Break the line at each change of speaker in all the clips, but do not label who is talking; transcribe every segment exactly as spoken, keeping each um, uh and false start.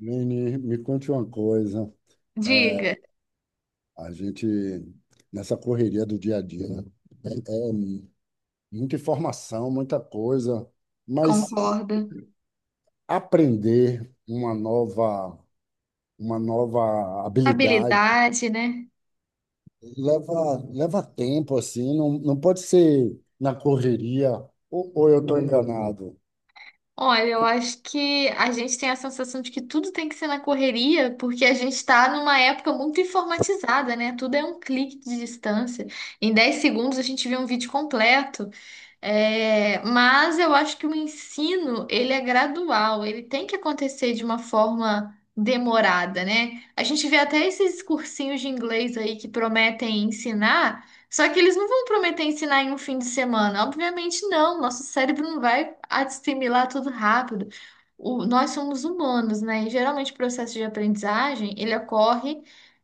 Nini, me conte uma coisa.
Diga,
A gente, nessa correria do dia a dia, muita informação, muita coisa, mas
concordo.
aprender uma nova, uma nova habilidade
Habilidade, né?
leva, leva tempo, assim, não, não pode ser na correria, ou, ou eu estou enganado?
Olha, eu acho que a gente tem a sensação de que tudo tem que ser na correria, porque a gente está numa época muito informatizada, né? Tudo é um clique de distância. Em dez segundos a gente vê um vídeo completo. É, mas eu acho que o ensino, ele é gradual, ele tem que acontecer de uma forma demorada, né? A gente vê até esses cursinhos de inglês aí que prometem ensinar, só que eles não vão prometer ensinar em um fim de semana. Obviamente não, nosso cérebro não vai assimilar tudo rápido. O- nós somos humanos, né? E geralmente o processo de aprendizagem, ele ocorre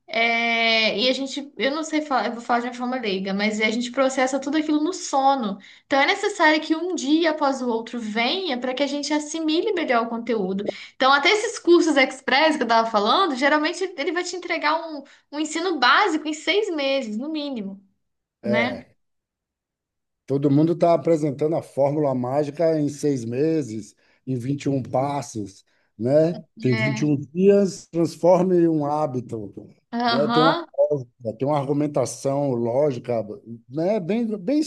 é, e a gente, eu não sei falar, eu vou falar de uma forma leiga, mas a gente processa tudo aquilo no sono. Então é necessário que um dia após o outro venha para que a gente assimile melhor o conteúdo. Então, até esses cursos express que eu estava falando, geralmente ele vai te entregar um, um ensino básico em seis meses, no mínimo, né?
É. Todo mundo está apresentando a fórmula mágica em seis meses, em vinte e um passos, né? Tem vinte e
É.
um dias, transforme um hábito, né? Tem uma
Aham.
lógica, tem uma argumentação lógica, né? Bem, bem,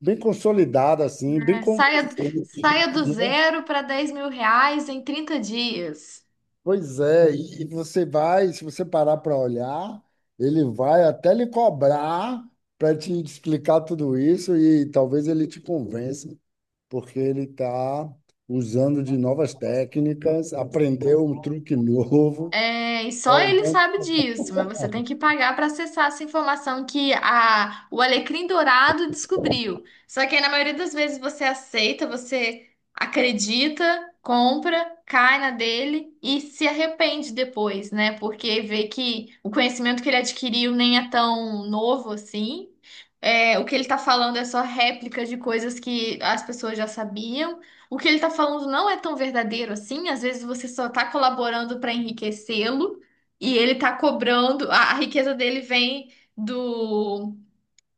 bem consolidada, assim, bem
É, Saia,
convincente,
saia do
né?
zero para dez mil reais em trinta dias.
Pois é, e você vai, se você parar para olhar, ele vai até lhe cobrar para te explicar tudo isso e talvez ele te convença. Porque ele está usando de novas técnicas, aprendeu um truque novo.
É, e só ele sabe disso, mas você tem que pagar para acessar essa informação que a, o Alecrim Dourado descobriu. Só que aí, na maioria das vezes você aceita, você acredita, compra, cai na dele e se arrepende depois, né? Porque vê que o conhecimento que ele adquiriu nem é tão novo assim. É, o que ele tá falando é só réplica de coisas que as pessoas já sabiam, o que ele tá falando não é tão verdadeiro assim, às vezes você só tá colaborando para enriquecê-lo e ele tá cobrando, a, a riqueza dele vem do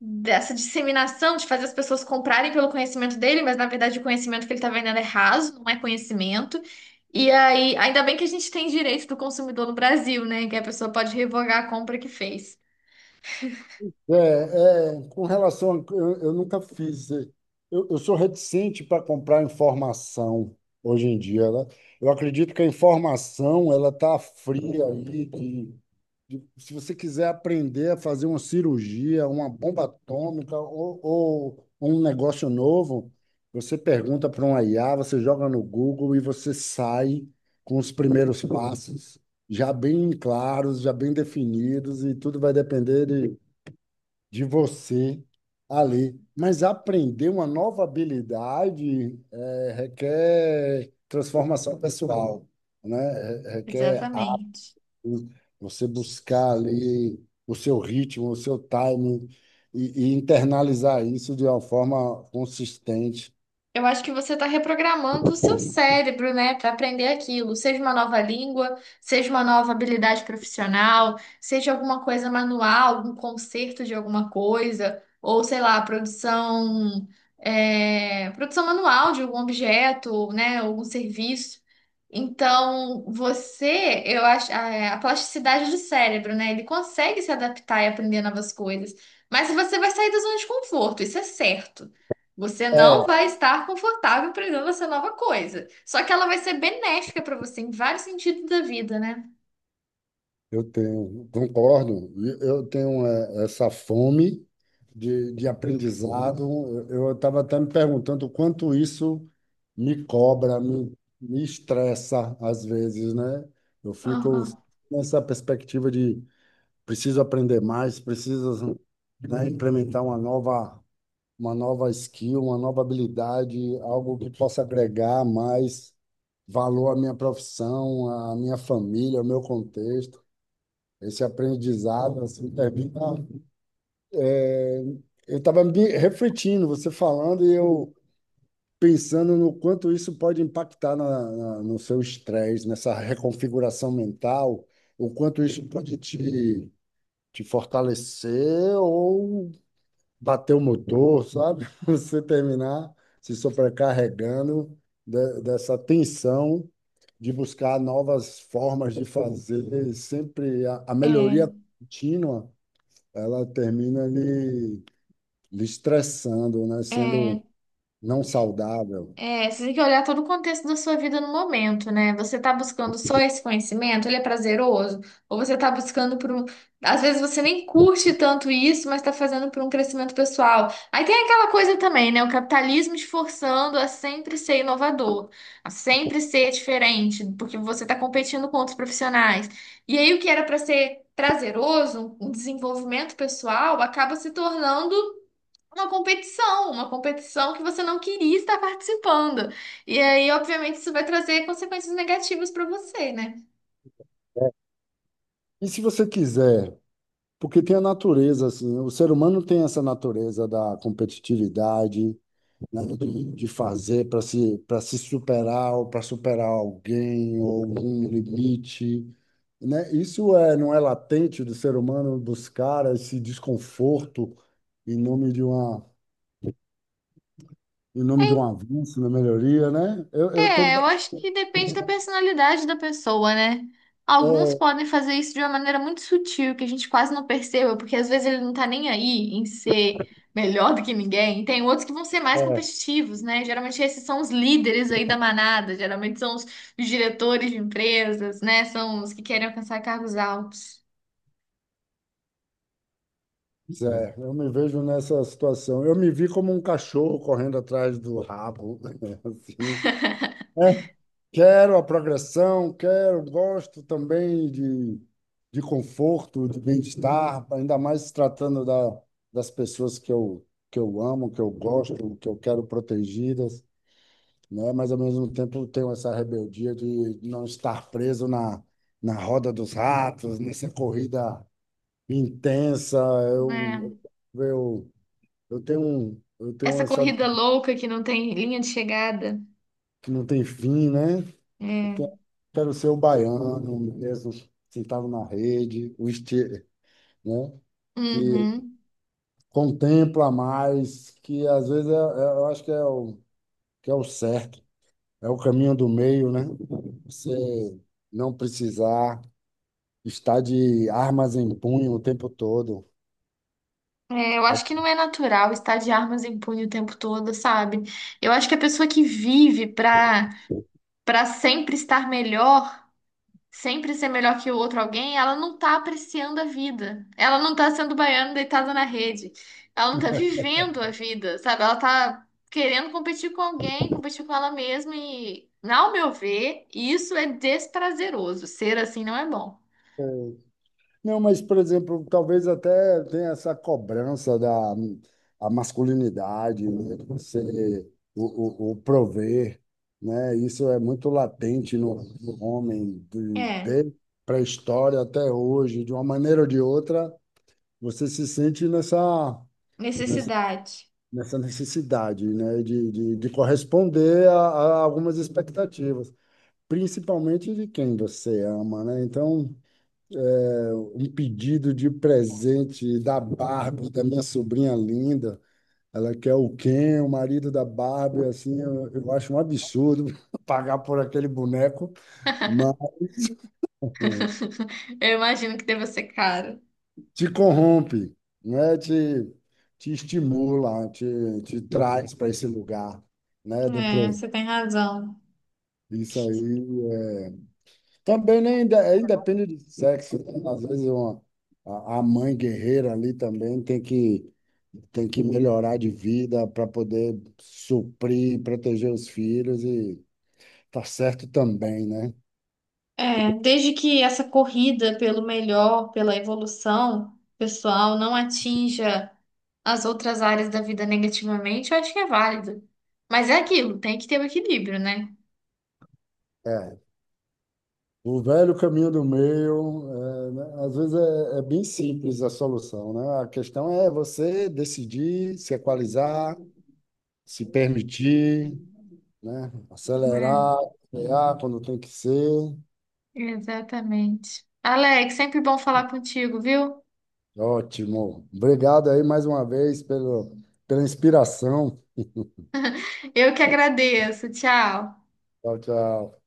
dessa disseminação de fazer as pessoas comprarem pelo conhecimento dele, mas na verdade o conhecimento que ele tá vendendo é raso, não é conhecimento. E aí, ainda bem que a gente tem direito do consumidor no Brasil, né? Que a pessoa pode revogar a compra que fez.
É, é, com relação a, eu, eu nunca fiz. eh, Eu, eu sou reticente para comprar informação hoje em dia. Ela, eu acredito que a informação ela está fria aí, que de- se você quiser aprender a fazer uma cirurgia, uma bomba atômica ou, ou um negócio novo, você pergunta para um I A, você joga no Google e você sai com os primeiros passos já bem claros, já bem definidos, e tudo vai depender de, de você ali. Mas aprender uma nova habilidade eh, requer transformação pessoal, né? Re- Requer
Exatamente.
você buscar ali o seu ritmo, o seu timing e, e internalizar isso de uma forma consistente.
Eu acho que você está reprogramando o seu cérebro, né, para aprender aquilo, seja uma nova língua, seja uma nova habilidade profissional, seja alguma coisa manual, algum conserto de alguma coisa, ou sei lá, produção, é, produção manual de algum objeto, né, algum serviço. Então, você, eu acho, a, é, a plasticidade do cérebro, né, ele consegue se adaptar e aprender novas coisas, mas você vai sair da zona de conforto, isso é certo. Você não
É,
vai estar confortável aprendendo essa nova coisa. Só que ela vai ser benéfica para você em vários sentidos da vida, né?
eu tenho, concordo, e eu tenho é, essa fome de, de aprendizado. Eu estava até me perguntando o quanto isso me cobra, me, me estressa às vezes, né? Eu fico
Aham.
nessa perspectiva de preciso aprender mais, preciso, né, implementar uma nova uma nova skill, uma nova habilidade, algo que possa agregar mais valor à minha profissão, à minha família, ao meu contexto. Esse aprendizado, assim, termina. é, Eu estava me refletindo, você falando, e eu pensando no quanto isso pode impactar na, na- no seu estresse, nessa reconfiguração mental, o quanto isso pode te, te fortalecer ou bater o motor, sabe? Você terminar se sobrecarregando de- dessa tensão de buscar novas formas de fazer. E sempre a, a melhoria contínua, ela termina lhe, lhe estressando, né?
É,
Sendo
é.
não saudável.
É, você tem que olhar todo o contexto da sua vida no momento, né? Você tá buscando só esse conhecimento, ele é prazeroso, ou você tá buscando por um. Às vezes você nem curte tanto isso, mas tá fazendo por um crescimento pessoal. Aí tem aquela coisa também, né? O capitalismo te forçando a sempre ser inovador, a sempre ser diferente, porque você tá competindo com outros profissionais. E aí o que era pra ser prazeroso, um desenvolvimento pessoal, acaba se tornando uma competição, uma competição que você não queria estar participando. E aí, obviamente, isso vai trazer consequências negativas para você, né?
E se você quiser, porque tem a natureza, assim, o ser humano tem essa natureza da competitividade, né, de fazer para se, para se superar ou para superar alguém ou algum limite, né? Isso é, não é latente do ser humano buscar esse desconforto em nome de uma, em nome
É,
de um avanço na melhoria, né? Eu, eu tô,
é, eu acho que depende da personalidade da pessoa, né? Alguns
é,
podem fazer isso de uma maneira muito sutil, que a gente quase não perceba, porque às vezes ele não tá nem aí em ser melhor do que ninguém. Tem outros que vão ser mais competitivos, né? Geralmente esses são os líderes aí da manada, geralmente são os os diretores de empresas, né? São os que querem alcançar cargos altos.
pois é, eu me vejo nessa situação. Eu me vi como um cachorro correndo atrás do rabo, assim. É, quero a progressão, quero, gosto também de, de conforto, de bem-estar, ainda mais se tratando da, das pessoas que eu, que eu amo, que eu gosto, que eu quero protegidas, né? Mas ao mesmo tempo eu tenho essa rebeldia de não estar preso na, na roda dos ratos, nessa corrida intensa.
É.
Eu, eu, eu tenho, eu tenho
Essa
essa
corrida louca que não tem linha de chegada.
que não tem fim, né? Eu
É.
que- quero ser o baiano mesmo, sentado na rede, o estilo, né? Que
Uhum.
contempla mais, que às vezes é, é- eu acho que é o, que é o certo, é o caminho do meio, né? Você não precisar estar de armas em punho o tempo todo.
É, eu acho que não é natural estar de armas em punho o tempo todo, sabe? Eu acho que a pessoa que vive pra, pra sempre estar melhor, sempre ser melhor que o outro alguém, ela não tá apreciando a vida. Ela não tá sendo baiana deitada na rede. Ela não tá vivendo a vida, sabe? Ela tá querendo competir com alguém, competir com ela mesma e, ao meu ver, isso é desprazeroso. Ser assim não é bom.
Não, mas, por exemplo, talvez até tenha essa cobrança da a masculinidade, né? Você, o, o, o prover, né? Isso é muito latente no, no homem, de,
é
de pré-história até hoje, de uma maneira ou de outra, você se sente nessa, nessa,
Necessidade.
nessa necessidade, né? De, de, de corresponder a, a algumas expectativas, principalmente de quem você ama, né? Então um pedido de presente da Barbie, da minha sobrinha linda. Ela quer o Ken, o marido da Barbie, assim, eu, eu acho um absurdo pagar por aquele boneco, mas assim,
Eu imagino que deva ser caro.
te corrompe, né? Te, te estimula, te, te traz para esse lugar, né? Do
É,
pro...
você tem razão.
Isso aí. é- Também nem inde- é independe de sexo, né? Às vezes uma, a, a mãe guerreira ali também tem que tem que melhorar de vida para poder suprir, e proteger os filhos e tá certo também, né?
É, desde que essa corrida pelo melhor, pela evolução pessoal, não atinja as outras áreas da vida negativamente, eu acho que é válido. Mas é aquilo, tem que ter o equilíbrio, né?
É. O velho caminho do meio, é, né, às vezes é, é bem simples a solução, né? A questão é você decidir, se equalizar, se permitir, né? Acelerar, frear quando tem que ser.
É, exatamente. Alex, sempre bom falar contigo, viu?
Ótimo. Obrigado aí mais uma vez pelo, pela inspiração.
Eu que agradeço. Tchau.
Tchau, tchau.